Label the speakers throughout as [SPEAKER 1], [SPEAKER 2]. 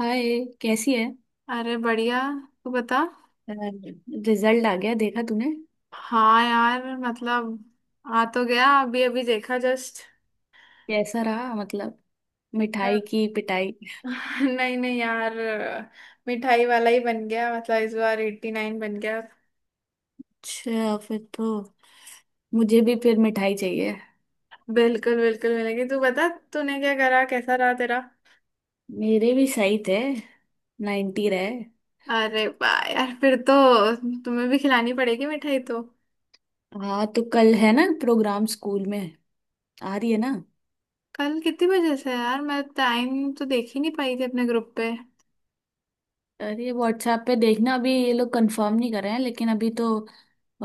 [SPEAKER 1] हाय। कैसी है?
[SPEAKER 2] अरे बढ़िया। तू बता।
[SPEAKER 1] रिजल्ट आ गया देखा तूने?
[SPEAKER 2] हाँ यार मतलब आ तो गया, अभी अभी देखा जस्ट।
[SPEAKER 1] कैसा रहा मतलब? मिठाई की पिटाई?
[SPEAKER 2] नहीं नहीं यार मिठाई वाला ही बन गया, मतलब इस बार 89 बन गया।
[SPEAKER 1] अच्छा फिर तो मुझे भी फिर मिठाई चाहिए।
[SPEAKER 2] बिल्कुल बिल्कुल मिलेगी। तू बता, तूने क्या करा, कैसा रहा तेरा।
[SPEAKER 1] मेरे भी सही थे। 90 रहे।
[SPEAKER 2] अरे वाह यार फिर तो तुम्हें भी खिलानी पड़ेगी मिठाई तो।
[SPEAKER 1] हाँ तो कल है ना प्रोग्राम स्कूल में? आ रही है ना?
[SPEAKER 2] कल कितने बजे से है यार? मैं टाइम तो देख ही नहीं पाई थी अपने ग्रुप पे।
[SPEAKER 1] अरे व्हाट्सएप पे देखना। अभी ये लोग कंफर्म नहीं कर रहे हैं लेकिन अभी तो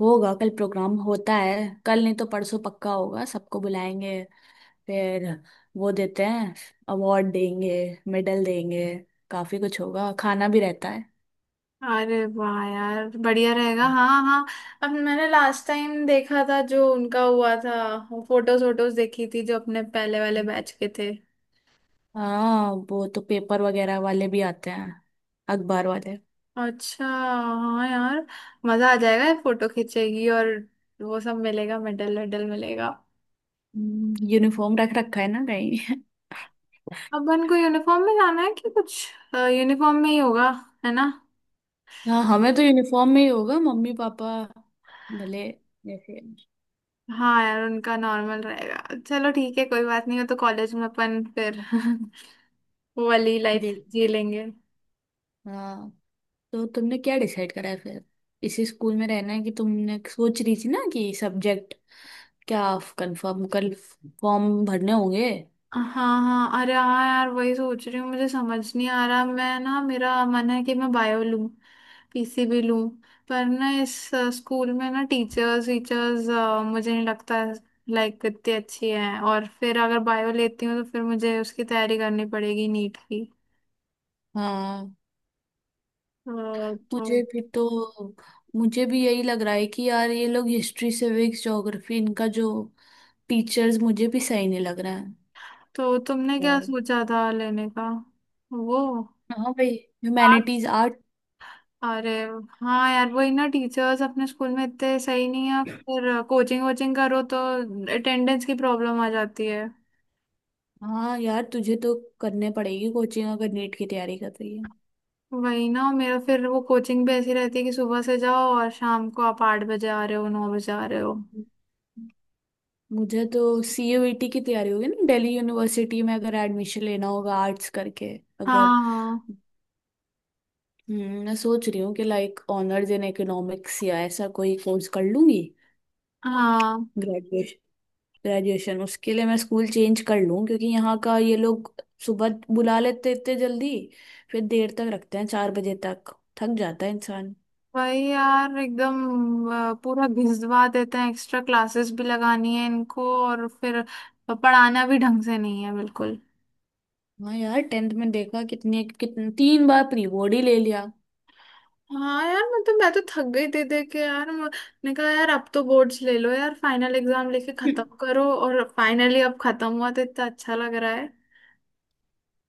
[SPEAKER 1] होगा। कल प्रोग्राम होता है। कल नहीं तो परसों पक्का होगा। सबको बुलाएंगे। फिर वो देते हैं। अवार्ड देंगे। मेडल देंगे। काफी कुछ होगा, खाना भी रहता है।
[SPEAKER 2] अरे वाह यार बढ़िया रहेगा, हाँ हाँ। अब मैंने लास्ट टाइम देखा था जो उनका हुआ था। फोटोज वोटोज देखी थी जो अपने पहले वाले बैच के थे।
[SPEAKER 1] हाँ वो तो पेपर वगैरह वाले भी आते हैं, अखबार वाले।
[SPEAKER 2] अच्छा हाँ यार, मजा आ जाएगा, फोटो खींचेगी और वो सब मिलेगा, मेडल वेडल मिलेगा।
[SPEAKER 1] यूनिफॉर्म रख रखा है ना कहीं?
[SPEAKER 2] अपन को यूनिफॉर्म में जाना है कि कुछ? यूनिफॉर्म में ही होगा, है ना?
[SPEAKER 1] हाँ हमें तो यूनिफॉर्म में ही होगा। मम्मी पापा, भले जैसे,
[SPEAKER 2] हाँ यार उनका नॉर्मल रहेगा। चलो ठीक है, कोई बात नहीं। हो तो कॉलेज में अपन फिर वो वाली लाइफ
[SPEAKER 1] देख।
[SPEAKER 2] जी लेंगे।
[SPEAKER 1] हाँ तो तुमने क्या डिसाइड करा है फिर? इसी स्कूल में रहना है कि तुमने सोच रही थी ना कि सब्जेक्ट क्या? कंफर्म कल फॉर्म भरने होंगे।
[SPEAKER 2] हाँ हाँ हाँ। अरे हाँ यार वही सोच रही हूँ, मुझे समझ नहीं आ रहा। मैं ना, मेरा मन है कि मैं बायो लूँ, पीसीबी लूँ। पर ना इस स्कूल में ना टीचर्स टीचर्स मुझे नहीं लगता लाइक इतनी अच्छी है। और फिर अगर बायो लेती हूँ तो फिर मुझे उसकी तैयारी करनी पड़ेगी नीट की।
[SPEAKER 1] हाँ।
[SPEAKER 2] अ,
[SPEAKER 1] मुझे
[SPEAKER 2] तो
[SPEAKER 1] भी तो मुझे भी यही लग रहा है कि यार ये लोग हिस्ट्री सिविक्स ज्योग्राफी इनका जो टीचर्स, मुझे भी सही नहीं लग रहा है।
[SPEAKER 2] तो तुमने क्या
[SPEAKER 1] और,
[SPEAKER 2] सोचा था लेने का? वो
[SPEAKER 1] हाँ भाई,
[SPEAKER 2] आर्ट्स।
[SPEAKER 1] Humanities art.
[SPEAKER 2] अरे हाँ यार, वही ना, टीचर्स अपने स्कूल में इतने सही नहीं है, फिर कोचिंग वोचिंग करो तो अटेंडेंस की प्रॉब्लम आ जाती है।
[SPEAKER 1] हाँ यार तुझे तो करने पड़ेगी कोचिंग अगर नीट की तैयारी कर रही है।
[SPEAKER 2] वही ना मेरा, फिर वो कोचिंग भी ऐसी रहती है कि सुबह से जाओ और शाम को आप 8 बजे आ रहे हो, 9 बजे आ रहे हो।
[SPEAKER 1] मुझे तो सीयूईटी की तैयारी होगी ना दिल्ली यूनिवर्सिटी में अगर एडमिशन लेना होगा आर्ट्स करके, अगर।
[SPEAKER 2] हाँ
[SPEAKER 1] मैं सोच रही हूँ कि लाइक ऑनर्स इन इकोनॉमिक्स या ऐसा कोई कोर्स कर लूंगी
[SPEAKER 2] हाँ,
[SPEAKER 1] ग्रेजुएशन। उसके लिए मैं स्कूल चेंज कर लूं क्योंकि यहाँ का ये लोग सुबह बुला लेते इतने जल्दी। फिर देर तक रखते हैं चार बजे तक। थक जाता है इंसान।
[SPEAKER 2] वही यार एकदम। पूरा घिसवा देते हैं, एक्स्ट्रा क्लासेस भी लगानी है इनको और फिर पढ़ाना भी ढंग से नहीं है बिल्कुल।
[SPEAKER 1] हाँ यार टेंथ में देखा, कितने कितने तीन बार प्री बोर्ड ही ले लिया।
[SPEAKER 2] हाँ यार मतलब मैं तो थक गई दे दे के। यार मैंने कहा, यार अब तो बोर्ड्स ले लो यार, फाइनल एग्जाम लेके खत्म करो। और फाइनली अब खत्म हुआ तो इतना अच्छा लग रहा है।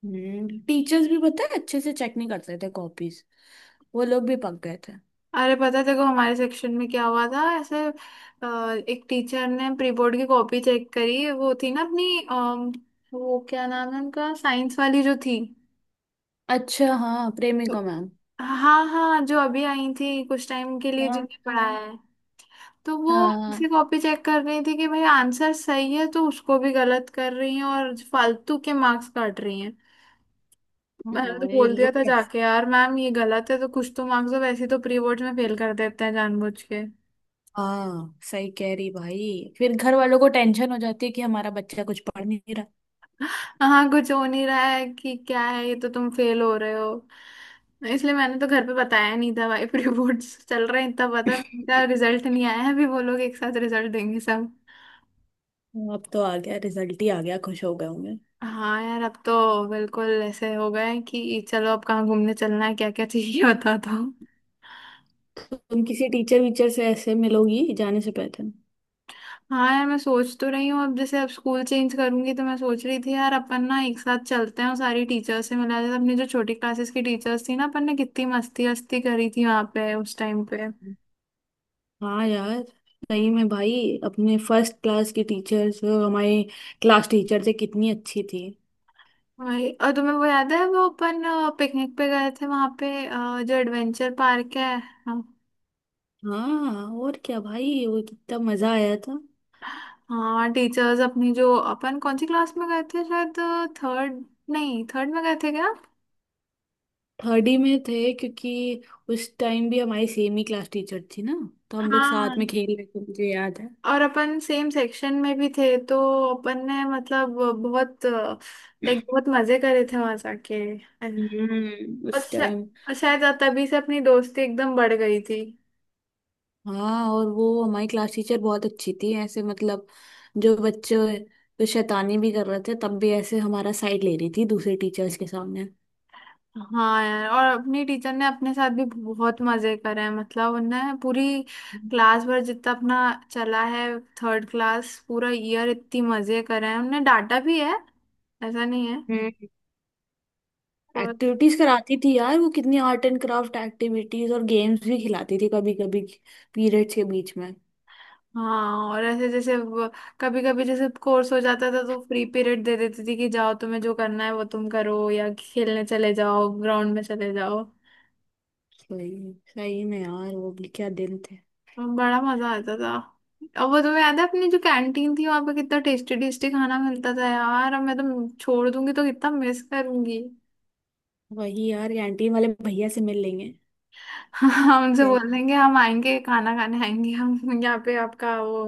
[SPEAKER 1] टीचर्स भी पता है अच्छे से चेक नहीं करते थे कॉपीज। वो लोग भी पक गए थे।
[SPEAKER 2] अरे पता है, देखो हमारे सेक्शन में क्या हुआ था ऐसे। एक टीचर ने प्री बोर्ड की कॉपी चेक करी। वो थी ना अपनी, वो क्या नाम है उनका, साइंस वाली जो थी।
[SPEAKER 1] अच्छा हाँ, प्रेमिका
[SPEAKER 2] तो-
[SPEAKER 1] मैम।
[SPEAKER 2] हाँ हाँ, जो अभी आई थी कुछ टाइम के लिए
[SPEAKER 1] हाँ
[SPEAKER 2] जिनने पढ़ाया
[SPEAKER 1] हाँ
[SPEAKER 2] है। तो वो
[SPEAKER 1] हाँ।
[SPEAKER 2] उसे कॉपी चेक कर रही थी कि भाई आंसर सही है तो उसको भी गलत कर रही है और फालतू के मार्क्स काट रही हैं। मैंने तो
[SPEAKER 1] हाँ, ये
[SPEAKER 2] बोल दिया
[SPEAKER 1] लोग
[SPEAKER 2] था
[SPEAKER 1] कैसे।
[SPEAKER 2] जाके, यार मैम ये गलत है तो कुछ तो मार्क्स दो। वैसे ही तो प्री बोर्ड्स में फेल कर देते हैं जानबूझ के।
[SPEAKER 1] हाँ सही कह रही भाई, फिर घर वालों को टेंशन हो जाती है कि हमारा बच्चा कुछ पढ़ नहीं।
[SPEAKER 2] हाँ, कुछ हो नहीं रहा है कि क्या है, ये तो तुम फेल हो रहे हो। इसलिए मैंने तो घर पे बताया नहीं था भाई। प्री बोर्ड्स चल रहे हैं इतना पता है, रिजल्ट नहीं आया है अभी, वो लोग एक साथ रिजल्ट देंगे सब।
[SPEAKER 1] अब तो आ गया, रिजल्ट ही आ गया, खुश हो गए होंगे।
[SPEAKER 2] हाँ यार अब तो बिल्कुल ऐसे हो गए हैं कि चलो अब कहाँ घूमने चलना है, क्या क्या चाहिए बता दो।
[SPEAKER 1] तुम किसी टीचर वीचर से ऐसे मिलोगी जाने से पहले?
[SPEAKER 2] हाँ यार मैं सोच तो रही हूँ, अब जैसे अब स्कूल चेंज करूंगी तो मैं सोच रही थी यार अपन ना एक साथ चलते हैं और सारी टीचर्स से मिला जाए। अपनी जो छोटी क्लासेस की टीचर्स थी ना, अपन ने कितनी मस्ती मस्ती करी थी वहाँ पे उस टाइम पे।
[SPEAKER 1] हाँ यार, सही में भाई। अपने फर्स्ट क्लास की टीचर्स, हमारे क्लास टीचर थे कितनी अच्छी थी।
[SPEAKER 2] वही। और तुम्हें वो याद है, वो अपन पिकनिक पे गए थे वहाँ पे, जो एडवेंचर पार्क है।
[SPEAKER 1] हाँ और क्या भाई, वो कितना मजा आया था।
[SPEAKER 2] हाँ टीचर्स अपनी जो, अपन कौन सी क्लास में गए थे, शायद थर्ड? नहीं थर्ड में गए थे क्या?
[SPEAKER 1] थर्ड ही में थे, क्योंकि उस टाइम भी हमारी सेम ही क्लास टीचर थी ना। तो हम लोग
[SPEAKER 2] हाँ,
[SPEAKER 1] साथ में खेल रहे थे, मुझे याद है।
[SPEAKER 2] और अपन सेम सेक्शन में भी थे तो अपन ने मतलब बहुत लाइक बहुत मजे करे थे वहां जाके। और
[SPEAKER 1] उस टाइम।
[SPEAKER 2] और शायद तभी से अपनी दोस्ती एकदम बढ़ गई थी।
[SPEAKER 1] हाँ और वो हमारी क्लास टीचर बहुत अच्छी थी, ऐसे मतलब। जो बच्चे तो शैतानी भी कर रहे थे, तब भी ऐसे हमारा साइड ले रही थी दूसरे टीचर्स के सामने।
[SPEAKER 2] हाँ यार, और अपनी टीचर ने अपने साथ भी बहुत मजे करे हैं, मतलब उन्हें पूरी क्लास भर जितना अपना चला है। थर्ड क्लास पूरा ईयर इतनी मजे करे हैं, उन्हें डांटा भी है ऐसा नहीं है
[SPEAKER 1] हम्म
[SPEAKER 2] पर।
[SPEAKER 1] एक्टिविटीज कराती थी यार वो कितनी। आर्ट एंड क्राफ्ट एक्टिविटीज और गेम्स भी खिलाती थी कभी कभी पीरियड्स के बीच में।
[SPEAKER 2] हाँ और ऐसे जैसे कभी कभी जैसे कोर्स हो जाता था तो फ्री पीरियड दे देती थी कि जाओ, तुम्हें जो करना है वो तुम करो, या खेलने चले जाओ, ग्राउंड में चले जाओ।
[SPEAKER 1] सही सही में यार, वो भी क्या दिन थे।
[SPEAKER 2] तो बड़ा मजा आता था। अब वो तुम्हें याद है अपनी जो कैंटीन थी, वहां पे कितना टेस्टी टेस्टी खाना मिलता था यार। अब मैं तो छोड़ दूंगी तो कितना मिस करूंगी।
[SPEAKER 1] वही यार, कैंटीन वाले भैया से मिल लेंगे।
[SPEAKER 2] हम उनसे
[SPEAKER 1] क्या-
[SPEAKER 2] बोल देंगे, हम आएंगे खाना खाने आएंगे, हम यहाँ पे आपका वो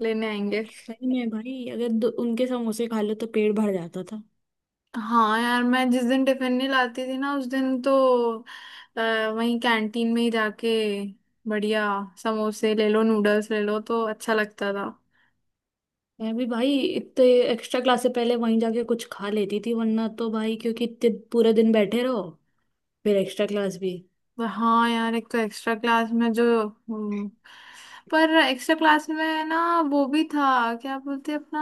[SPEAKER 2] लेने आएंगे।
[SPEAKER 1] सही में भाई, अगर उनके समोसे खा लो तो पेट भर जाता था।
[SPEAKER 2] हाँ यार, मैं जिस दिन टिफिन नहीं लाती थी ना उस दिन तो अ, वहीं कैंटीन में ही जाके बढ़िया समोसे ले लो, नूडल्स ले लो, तो अच्छा लगता था।
[SPEAKER 1] मैं भी भाई, इतने एक्स्ट्रा क्लास से पहले वहीं जाके कुछ खा लेती थी, वरना तो भाई, क्योंकि इतने पूरा दिन बैठे रहो, फिर एक्स्ट्रा क्लास भी।
[SPEAKER 2] तो हाँ यार एक तो एक्स्ट्रा क्लास में जो, हम्म, पर एक्स्ट्रा क्लास में ना वो भी था, क्या बोलते हैं अपना,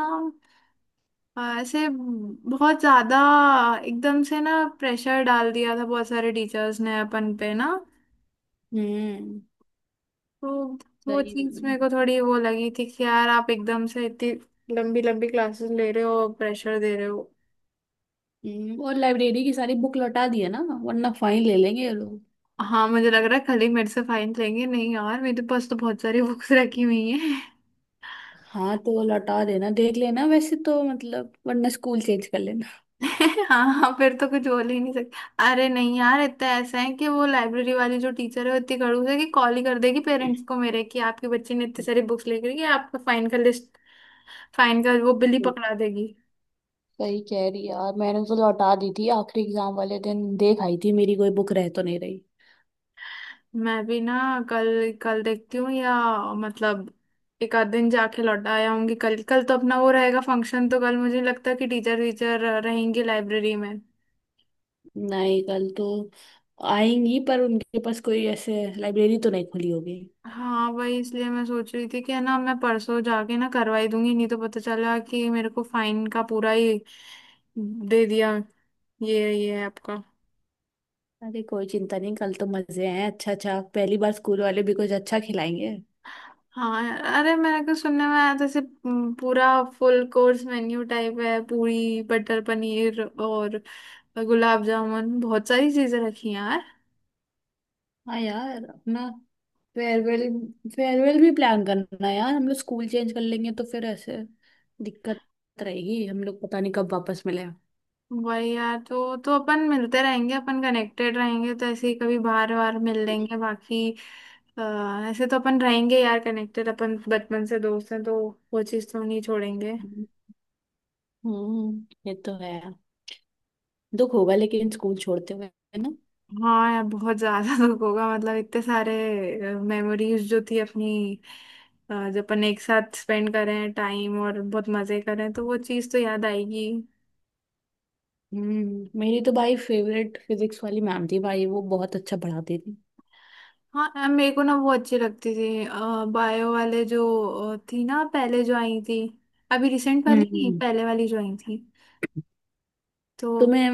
[SPEAKER 2] ऐसे बहुत ज्यादा एकदम से ना प्रेशर डाल दिया था बहुत सारे टीचर्स ने अपन पे ना।
[SPEAKER 1] हम्म
[SPEAKER 2] तो वो
[SPEAKER 1] सही
[SPEAKER 2] चीज
[SPEAKER 1] में।
[SPEAKER 2] मेरे को थोड़ी वो लगी थी कि यार आप एकदम से इतनी लंबी लंबी क्लासेस ले रहे हो, प्रेशर दे रहे हो।
[SPEAKER 1] और लाइब्रेरी की सारी बुक लौटा दी है ना, वरना फाइन ले लेंगे ये लोग।
[SPEAKER 2] हाँ मुझे लग रहा है खाली मेरे से फाइन लेंगे। नहीं यार मेरे पास तो बहुत सारी बुक्स रखी हुई है।
[SPEAKER 1] हाँ तो लौटा देना, देख लेना वैसे तो, मतलब वरना स्कूल चेंज कर लेना।
[SPEAKER 2] हाँ हाँ, फिर तो कुछ बोल ही नहीं सकते। अरे नहीं यार, इतना ऐसा है कि वो लाइब्रेरी वाली जो टीचर है वो इतनी खड़ूस है कि कॉल ही कर देगी पेरेंट्स को मेरे, कि आपके बच्चे ने इतने सारी बुक्स लेकर कि आपका फाइन का लिस्ट, फाइन का वो बिल ही पकड़ा देगी।
[SPEAKER 1] सही कह रही है यार, मैंने तो लौटा दी थी आखिरी एग्जाम वाले दिन, देख आई थी मेरी कोई बुक रह तो नहीं रही।
[SPEAKER 2] मैं भी ना कल, कल देखती हूँ या मतलब एक आध दिन जाके लौटा आया हूँगी। कल, कल तो अपना वो रहेगा फंक्शन, तो कल मुझे नहीं लगता कि टीचर टीचर रहेंगे लाइब्रेरी में।
[SPEAKER 1] नहीं कल तो आएंगी, पर उनके पास कोई ऐसे लाइब्रेरी तो नहीं खुली होगी।
[SPEAKER 2] हाँ वही, इसलिए मैं सोच रही थी कि है ना, मैं परसों जाके ना करवाई दूंगी। नहीं तो पता चला कि मेरे को फाइन का पूरा ही दे दिया, ये है आपका।
[SPEAKER 1] अरे कोई चिंता नहीं, कल तो मजे हैं। अच्छा अच्छा, पहली बार स्कूल वाले भी कुछ अच्छा खिलाएंगे।
[SPEAKER 2] हाँ यार, अरे मेरे को सुनने में आया था जैसे पूरा फुल कोर्स मेन्यू टाइप है, पूरी बटर पनीर और गुलाब जामुन, बहुत सारी चीजें रखी हैं यार।
[SPEAKER 1] हाँ यार, अपना फेयरवेल। भी प्लान करना यार, हम लोग स्कूल चेंज कर लेंगे तो फिर ऐसे दिक्कत रहेगी। हम लोग पता नहीं कब वापस मिले।
[SPEAKER 2] वही यार, तो अपन मिलते रहेंगे, अपन कनेक्टेड रहेंगे तो ऐसे ही कभी बार बार मिल लेंगे बाकी। अ, ऐसे तो अपन रहेंगे यार कनेक्टेड, अपन बचपन से दोस्त हैं तो वो चीज़ तो नहीं छोड़ेंगे।
[SPEAKER 1] हम्म ये तो है। दुख होगा लेकिन स्कूल छोड़ते हुए, है ना।
[SPEAKER 2] हाँ यार बहुत ज्यादा दुख होगा, मतलब इतने सारे मेमोरीज जो थी अपनी, जो अपन एक साथ स्पेंड करें टाइम और बहुत मजे करें, तो वो चीज़ तो याद आएगी।
[SPEAKER 1] मेरी तो भाई फेवरेट फिजिक्स वाली मैम थी भाई, वो बहुत अच्छा पढ़ाती थी।
[SPEAKER 2] हाँ, मेरे को ना वो अच्छी लगती थी, बायो वाले जो थी ना पहले जो आई थी। अभी रिसेंट वाली नहीं,
[SPEAKER 1] हम्म
[SPEAKER 2] पहले वाली जो आई थी। तो
[SPEAKER 1] तुम्हें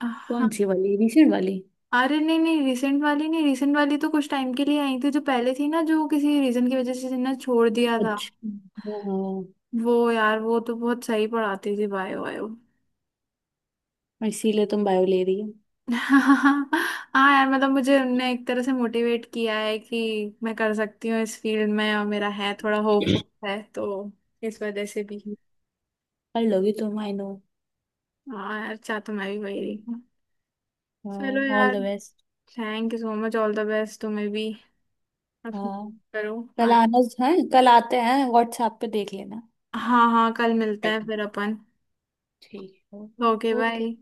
[SPEAKER 2] हाँ।
[SPEAKER 1] कौन सी वाली? रिसेंट वाली?
[SPEAKER 2] अरे नहीं नहीं, रिसेंट वाली नहीं, रिसेंट वाली तो कुछ टाइम के लिए आई थी, जो पहले थी ना जो किसी रीजन की वजह से ना छोड़ दिया था।
[SPEAKER 1] अच्छा हाँ।
[SPEAKER 2] वो यार वो तो बहुत सही पढ़ाती थी बायो वायो।
[SPEAKER 1] और इसीलिए तुम बायो ले रही हो?
[SPEAKER 2] हाँ यार मतलब मुझे उनने एक तरह से मोटिवेट किया है कि मैं कर सकती हूँ इस फील्ड में, और मेरा है थोड़ा होप, है तो इस वजह से भी।
[SPEAKER 1] कर लोगी तुम, आई नो।
[SPEAKER 2] हाँ यार चाह तो मैं भी वही रही हूँ। चलो
[SPEAKER 1] ऑल
[SPEAKER 2] यार।
[SPEAKER 1] The best.
[SPEAKER 2] Thank you so much, all the best तुम्हें भी। अब
[SPEAKER 1] हाँ
[SPEAKER 2] करो।
[SPEAKER 1] कल
[SPEAKER 2] हाँ
[SPEAKER 1] आना है। कल आते हैं, व्हाट्सएप पे देख लेना।
[SPEAKER 2] हाँ हाँ, कल मिलते हैं फिर अपन।
[SPEAKER 1] ठीक है।
[SPEAKER 2] Okay
[SPEAKER 1] okay.
[SPEAKER 2] बाय।